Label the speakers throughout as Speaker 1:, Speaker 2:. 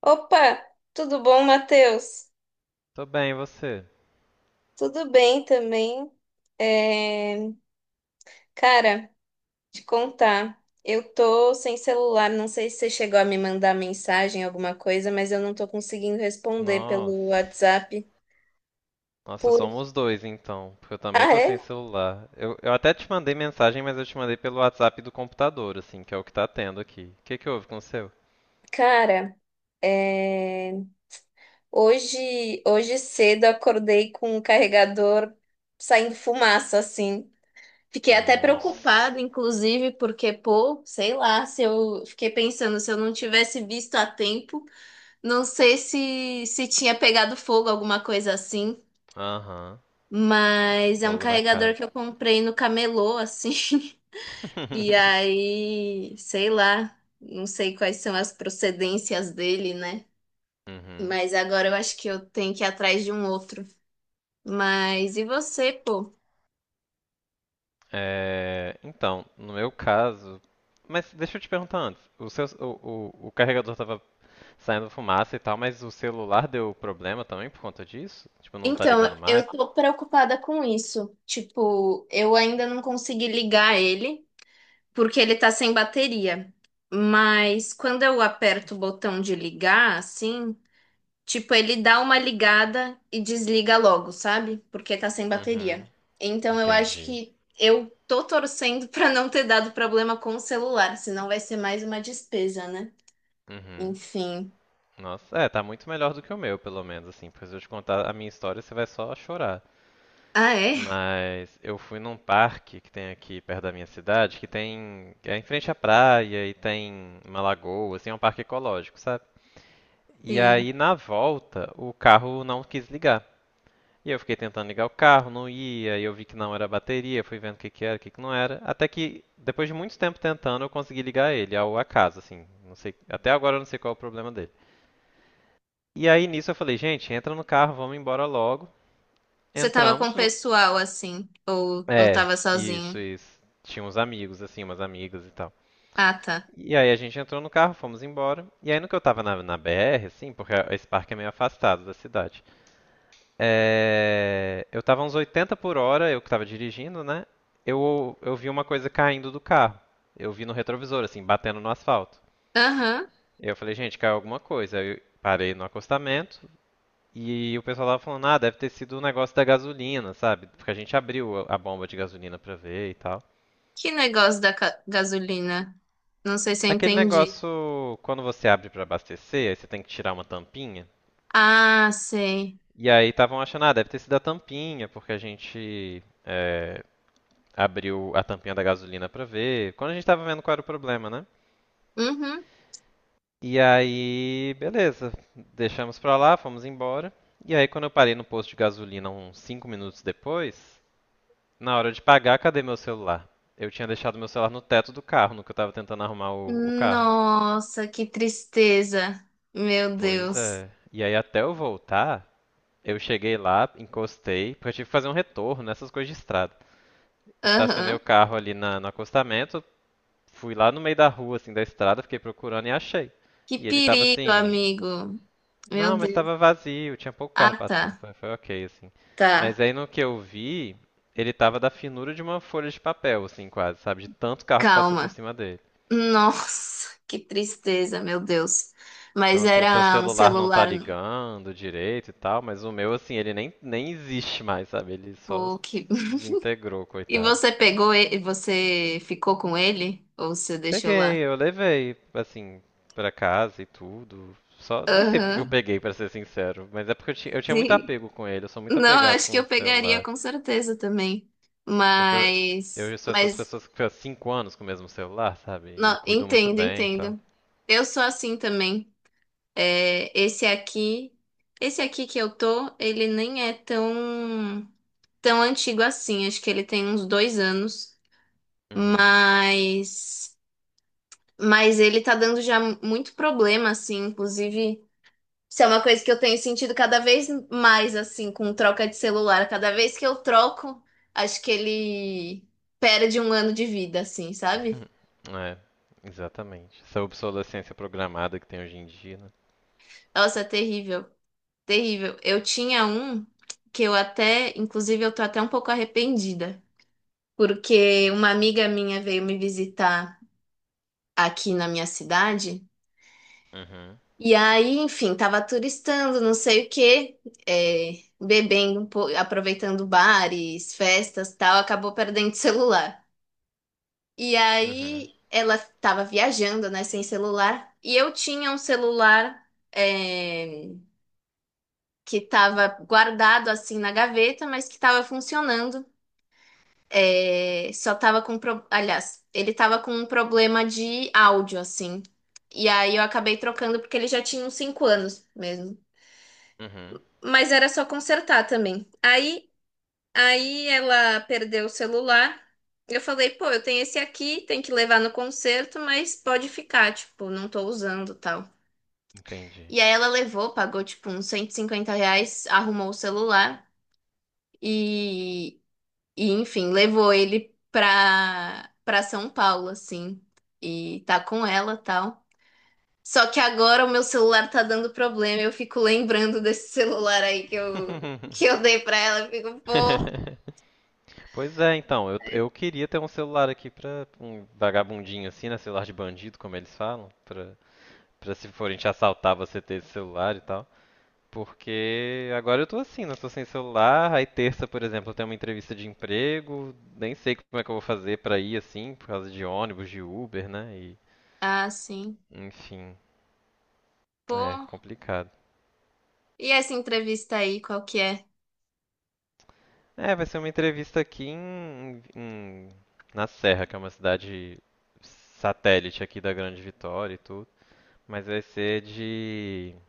Speaker 1: Opa, tudo bom, Matheus?
Speaker 2: Tô bem, e você?
Speaker 1: Tudo bem também. É, cara, te contar, eu tô sem celular, não sei se você chegou a me mandar mensagem, alguma coisa, mas eu não tô conseguindo responder pelo
Speaker 2: Nossa.
Speaker 1: WhatsApp.
Speaker 2: Nossa,
Speaker 1: Por...
Speaker 2: somos dois então, porque eu também
Speaker 1: Ah,
Speaker 2: tô sem
Speaker 1: é?
Speaker 2: celular. Eu até te mandei mensagem, mas eu te mandei pelo WhatsApp do computador, assim, que é o que tá tendo aqui. O que que houve com o seu?
Speaker 1: Cara, é, hoje cedo eu acordei com o carregador saindo fumaça, assim. Fiquei até
Speaker 2: Nossa.
Speaker 1: preocupada, inclusive, porque, pô, sei lá, se eu fiquei pensando, se eu não tivesse visto a tempo, não sei se tinha pegado fogo, alguma coisa assim.
Speaker 2: Aham.
Speaker 1: Mas é um
Speaker 2: Fogo na
Speaker 1: carregador
Speaker 2: casa.
Speaker 1: que eu comprei no camelô, assim. E aí, sei lá, não sei quais são as procedências dele, né?
Speaker 2: Uhum.
Speaker 1: Mas agora eu acho que eu tenho que ir atrás de um outro. Mas e você, pô?
Speaker 2: É, então, no meu caso. Mas deixa eu te perguntar antes. O seu, o carregador tava saindo fumaça e tal, mas o celular deu problema também por conta disso? Tipo, não tá
Speaker 1: Então,
Speaker 2: ligando mais?
Speaker 1: eu tô preocupada com isso. Tipo, eu ainda não consegui ligar ele, porque ele tá sem bateria. Mas quando eu aperto o botão de ligar, assim, tipo, ele dá uma ligada e desliga logo, sabe? Porque tá sem
Speaker 2: Uhum.
Speaker 1: bateria. Então, eu acho
Speaker 2: Entendi.
Speaker 1: que eu tô torcendo pra não ter dado problema com o celular, senão vai ser mais uma despesa, né?
Speaker 2: Uhum.
Speaker 1: Enfim.
Speaker 2: Nossa, é, tá muito melhor do que o meu, pelo menos, assim, porque se eu te contar a minha história, você vai só chorar.
Speaker 1: Ah, é?
Speaker 2: Mas eu fui num parque que tem aqui perto da minha cidade, que tem, é em frente à praia e tem uma lagoa, assim, é um parque ecológico, sabe? E
Speaker 1: Sim.
Speaker 2: aí na volta, o carro não quis ligar. E eu fiquei tentando ligar o carro, não ia, e eu vi que não era bateria, fui vendo o que que era, o que que não era, até que depois de muito tempo tentando, eu consegui ligar ele ao acaso, assim, não sei, até agora eu não sei qual é o problema dele. E aí nisso eu falei, gente, entra no carro, vamos embora logo.
Speaker 1: Você tava com o
Speaker 2: Entramos no.
Speaker 1: pessoal, assim, ou
Speaker 2: É,
Speaker 1: tava
Speaker 2: isso,
Speaker 1: sozinho?
Speaker 2: isso. Tinha uns amigos, assim, umas amigas e tal.
Speaker 1: Ah, tá.
Speaker 2: E aí a gente entrou no carro, fomos embora. E aí no que eu tava na BR, assim, porque esse parque é meio afastado da cidade. É, eu tava uns 80 por hora, eu que tava dirigindo, né? Eu vi uma coisa caindo do carro. Eu vi no retrovisor, assim, batendo no asfalto.
Speaker 1: Aham.
Speaker 2: Eu falei, gente, caiu alguma coisa. Aí eu parei no acostamento. E o pessoal tava falando, ah, deve ter sido o negócio da gasolina, sabe? Porque a gente abriu a bomba de gasolina pra ver e tal.
Speaker 1: Que negócio da gasolina? Não sei se eu
Speaker 2: Aquele
Speaker 1: entendi.
Speaker 2: negócio, quando você abre pra abastecer, aí você tem que tirar uma tampinha.
Speaker 1: Ah, sei.
Speaker 2: E aí estavam achando, ah, deve ter sido a tampinha, porque abriu a tampinha da gasolina pra ver. Quando a gente tava vendo qual era o problema, né?
Speaker 1: Uhum.
Speaker 2: E aí, beleza, deixamos pra lá, fomos embora. E aí, quando eu parei no posto de gasolina uns 5 minutos depois, na hora de pagar, cadê meu celular? Eu tinha deixado meu celular no teto do carro, no que eu tava tentando arrumar o carro.
Speaker 1: Nossa, que tristeza. Meu
Speaker 2: Pois
Speaker 1: Deus.
Speaker 2: é. E aí, até eu voltar, eu cheguei lá, encostei, porque eu tive que fazer um retorno nessas coisas de estrada. Estacionei
Speaker 1: Aham.
Speaker 2: o carro ali no acostamento, fui lá no meio da rua, assim, da estrada, fiquei procurando e achei.
Speaker 1: Que
Speaker 2: E ele tava
Speaker 1: perigo,
Speaker 2: assim,
Speaker 1: amigo. Meu
Speaker 2: não, mas tava
Speaker 1: Deus.
Speaker 2: vazio, tinha pouco carro
Speaker 1: Ah,
Speaker 2: passando.
Speaker 1: tá.
Speaker 2: Foi ok, assim.
Speaker 1: Tá.
Speaker 2: Mas aí no que eu vi, ele tava da finura de uma folha de papel, assim, quase, sabe? De tanto carro que passou por
Speaker 1: Calma.
Speaker 2: cima dele.
Speaker 1: Nossa, que tristeza, meu Deus.
Speaker 2: Então,
Speaker 1: Mas
Speaker 2: assim, seu
Speaker 1: era um
Speaker 2: celular não tá
Speaker 1: celular. No
Speaker 2: ligando direito e tal, mas o meu, assim, ele nem existe mais, sabe? Ele só
Speaker 1: poke.
Speaker 2: desintegrou,
Speaker 1: E
Speaker 2: coitado.
Speaker 1: você pegou ele? Você ficou com ele? Ou você deixou lá?
Speaker 2: Peguei, eu levei, assim, pra casa e tudo. Só, nem sei porque que eu
Speaker 1: Aham.
Speaker 2: peguei, pra ser sincero, mas é porque eu tinha muito
Speaker 1: Sim.
Speaker 2: apego com ele, eu sou muito
Speaker 1: Não,
Speaker 2: apegado
Speaker 1: acho que
Speaker 2: com o
Speaker 1: eu pegaria
Speaker 2: celular.
Speaker 1: com certeza também.
Speaker 2: Porque eu,
Speaker 1: Mas,
Speaker 2: eu sou essas
Speaker 1: mas,
Speaker 2: pessoas que ficam 5 anos com o mesmo celular, sabe? E
Speaker 1: não,
Speaker 2: cuido muito
Speaker 1: entendo,
Speaker 2: bem e tal.
Speaker 1: entendo. Eu sou assim também. É, esse aqui que eu tô, ele nem é tão, tão antigo assim. Acho que ele tem uns 2 anos.
Speaker 2: Uhum.
Speaker 1: Mas, mas ele tá dando já muito problema, assim. Inclusive. Isso é uma coisa que eu tenho sentido cada vez mais, assim, com troca de celular. Cada vez que eu troco, acho que ele perde um ano de vida, assim, sabe?
Speaker 2: É, exatamente. Essa obsolescência programada que tem hoje em dia, né?
Speaker 1: Nossa, é terrível, terrível. Eu tinha um que eu até, inclusive, eu tô até um pouco arrependida, porque uma amiga minha veio me visitar aqui na minha cidade,
Speaker 2: Uhum.
Speaker 1: e aí, enfim, tava turistando, não sei o quê, é, bebendo um pouco, aproveitando bares, festas, tal, acabou perdendo o celular. E
Speaker 2: Uhum.
Speaker 1: aí ela estava viajando, né, sem celular. E eu tinha um celular é, que estava guardado assim na gaveta, mas que estava funcionando. É, só estava com, aliás, ele estava com um problema de áudio assim. E aí eu acabei trocando porque ele já tinha uns 5 anos mesmo.
Speaker 2: Uhum,
Speaker 1: Mas era só consertar também. Aí ela perdeu o celular. Eu falei, pô, eu tenho esse aqui, tem que levar no concerto, mas pode ficar, tipo, não tô usando tal.
Speaker 2: entendi.
Speaker 1: E aí ela levou, pagou, tipo, uns R$ 150, arrumou o celular e, e enfim, levou ele pra São Paulo, assim. E tá com ela, tal. Só que agora o meu celular tá dando problema, eu fico lembrando desse celular aí que eu, que eu dei pra ela, eu fico, pô.
Speaker 2: Pois é, então, eu queria ter um celular aqui pra um vagabundinho assim, né? Celular de bandido, como eles falam, pra se forem te assaltar você ter esse celular e tal. Porque agora eu tô assim, né? Tô sem celular, aí terça, por exemplo, eu tenho uma entrevista de emprego, nem sei como é que eu vou fazer pra ir assim, por causa de ônibus, de Uber, né? E,
Speaker 1: Ah, sim.
Speaker 2: enfim, é
Speaker 1: Pô,
Speaker 2: complicado.
Speaker 1: e essa entrevista aí, qual que é?
Speaker 2: É, vai ser uma entrevista aqui na Serra, que é uma cidade satélite aqui da Grande Vitória e tudo. Mas vai ser de. Como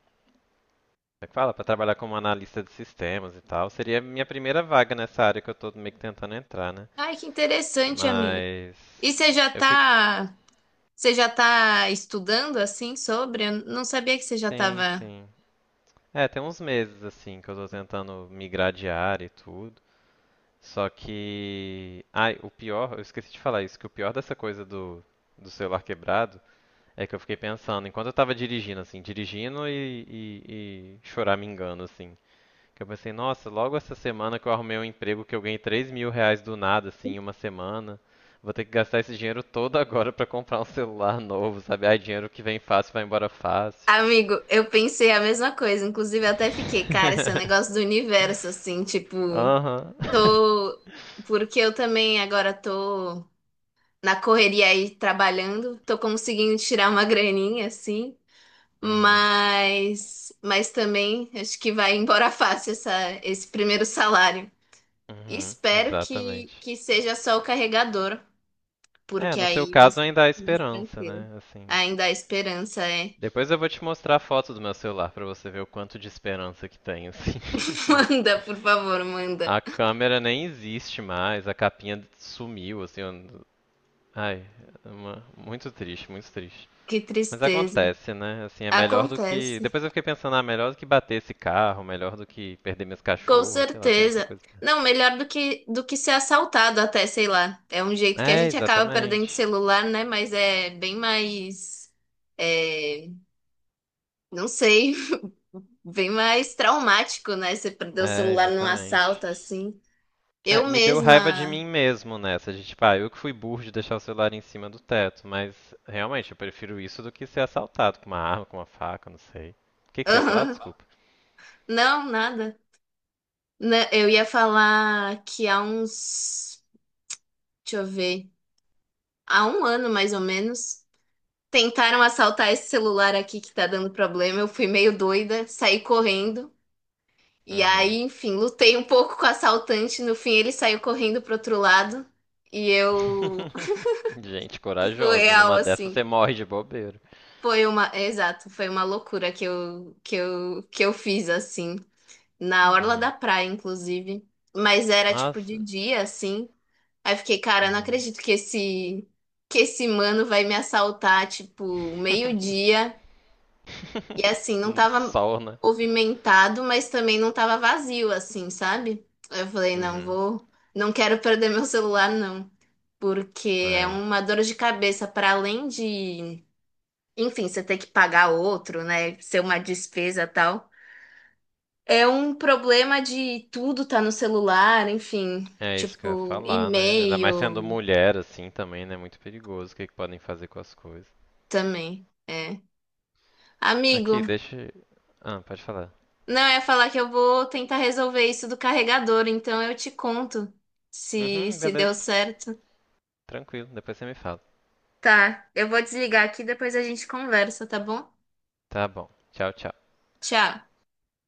Speaker 2: é que fala? Para trabalhar como analista de sistemas e tal. Seria a minha primeira vaga nessa área que eu tô meio que tentando entrar, né?
Speaker 1: Ai, que interessante, amigo.
Speaker 2: Mas.
Speaker 1: E você já
Speaker 2: Eu fico.
Speaker 1: você já tá estudando assim sobre? Eu não sabia que você já
Speaker 2: Sim,
Speaker 1: tava.
Speaker 2: sim. É, tem uns meses assim que eu tô tentando migrar de área e tudo. Só que. Ai, o pior, eu esqueci de falar isso, que o pior dessa coisa do, do celular quebrado é que eu fiquei pensando, enquanto eu tava dirigindo, assim, dirigindo e choramingando, assim. Que eu pensei, nossa, logo essa semana que eu arrumei um emprego que eu ganhei R$ 3.000 do nada, assim, em uma semana. Vou ter que gastar esse dinheiro todo agora pra comprar um celular novo, sabe? Ai, dinheiro que vem fácil vai embora fácil.
Speaker 1: Amigo, eu pensei a mesma coisa. Inclusive, eu até fiquei, cara, esse é um negócio do universo, assim, tipo,
Speaker 2: Aham.
Speaker 1: tô. Porque eu também agora tô na correria aí trabalhando, tô conseguindo tirar uma graninha, assim,
Speaker 2: Uhum.
Speaker 1: mas. Mas também acho que vai embora fácil essa, esse primeiro salário.
Speaker 2: Uhum.
Speaker 1: Espero que,
Speaker 2: Exatamente.
Speaker 1: que seja só o carregador,
Speaker 2: É,
Speaker 1: porque
Speaker 2: no seu
Speaker 1: aí vai
Speaker 2: caso
Speaker 1: ser
Speaker 2: ainda há
Speaker 1: mais
Speaker 2: esperança,
Speaker 1: tranquilo.
Speaker 2: né? Assim,
Speaker 1: Ainda há esperança, é.
Speaker 2: depois eu vou te mostrar a foto do meu celular pra você ver o quanto de esperança que tem, assim.
Speaker 1: Manda, por favor, manda.
Speaker 2: A câmera nem existe mais, a capinha sumiu, assim. Ai, muito triste, muito triste.
Speaker 1: Que
Speaker 2: Mas
Speaker 1: tristeza.
Speaker 2: acontece, né? Assim, é melhor do que.
Speaker 1: Acontece.
Speaker 2: Depois eu fiquei pensando, ah, melhor do que bater esse carro, melhor do que perder minhas
Speaker 1: Com
Speaker 2: cachorras, sei lá, tem muita
Speaker 1: certeza.
Speaker 2: coisa.
Speaker 1: Não, melhor do que ser assaltado até, sei lá. É um jeito que a
Speaker 2: É,
Speaker 1: gente acaba perdendo
Speaker 2: exatamente.
Speaker 1: celular, né? Mas é bem mais, é, não sei, bem mais traumático, né? Você perder o
Speaker 2: É,
Speaker 1: celular num
Speaker 2: exatamente.
Speaker 1: assalto assim.
Speaker 2: É,
Speaker 1: Eu
Speaker 2: me deu raiva de
Speaker 1: mesma.
Speaker 2: mim mesmo nessa, de tipo, ah, eu que fui burro de deixar o celular em cima do teto, mas realmente eu prefiro isso do que ser assaltado com uma arma, com uma faca, não sei. O que que você ia falar? Desculpa.
Speaker 1: Não, nada. Né, eu ia falar que há uns, deixa eu ver, há um ano mais ou menos, tentaram assaltar esse celular aqui que tá dando problema. Eu fui meio doida, saí correndo. E aí,
Speaker 2: Uhum.
Speaker 1: enfim, lutei um pouco com o assaltante. No fim, ele saiu correndo pro outro lado. E eu,
Speaker 2: Gente
Speaker 1: foi
Speaker 2: corajosa,
Speaker 1: real,
Speaker 2: numa dessa
Speaker 1: assim.
Speaker 2: você morre de bobeira.
Speaker 1: Foi uma, é, exato, foi uma loucura que eu fiz, assim, na orla da
Speaker 2: Uhum.
Speaker 1: praia, inclusive. Mas era tipo de
Speaker 2: Nossa.
Speaker 1: dia, assim. Aí eu fiquei, cara, eu não
Speaker 2: Uhum.
Speaker 1: acredito que esse mano vai me assaltar, tipo, meio-dia. E assim, não tava
Speaker 2: Sol, né?
Speaker 1: movimentado, mas também não tava vazio, assim, sabe? Aí eu falei, não,
Speaker 2: Uhum.
Speaker 1: vou, não quero perder meu celular, não. Porque é
Speaker 2: Ai.
Speaker 1: uma dor de cabeça, para além de, enfim, você ter que pagar outro, né? Ser uma despesa e tal. É um problema de tudo tá no celular, enfim,
Speaker 2: É isso que eu ia
Speaker 1: tipo,
Speaker 2: falar, né? Ainda mais sendo
Speaker 1: e-mail
Speaker 2: mulher assim também, né? Muito perigoso o que que podem fazer com as coisas.
Speaker 1: também. É. Amigo,
Speaker 2: Aqui, deixa. Ah, pode falar.
Speaker 1: não, eu ia falar que eu vou tentar resolver isso do carregador, então eu te conto se
Speaker 2: Uhum,
Speaker 1: se deu
Speaker 2: beleza,
Speaker 1: certo.
Speaker 2: tranquilo, depois você me fala.
Speaker 1: Tá, eu vou desligar aqui, depois a gente conversa, tá bom?
Speaker 2: Tá bom, tchau, tchau.
Speaker 1: Tchau.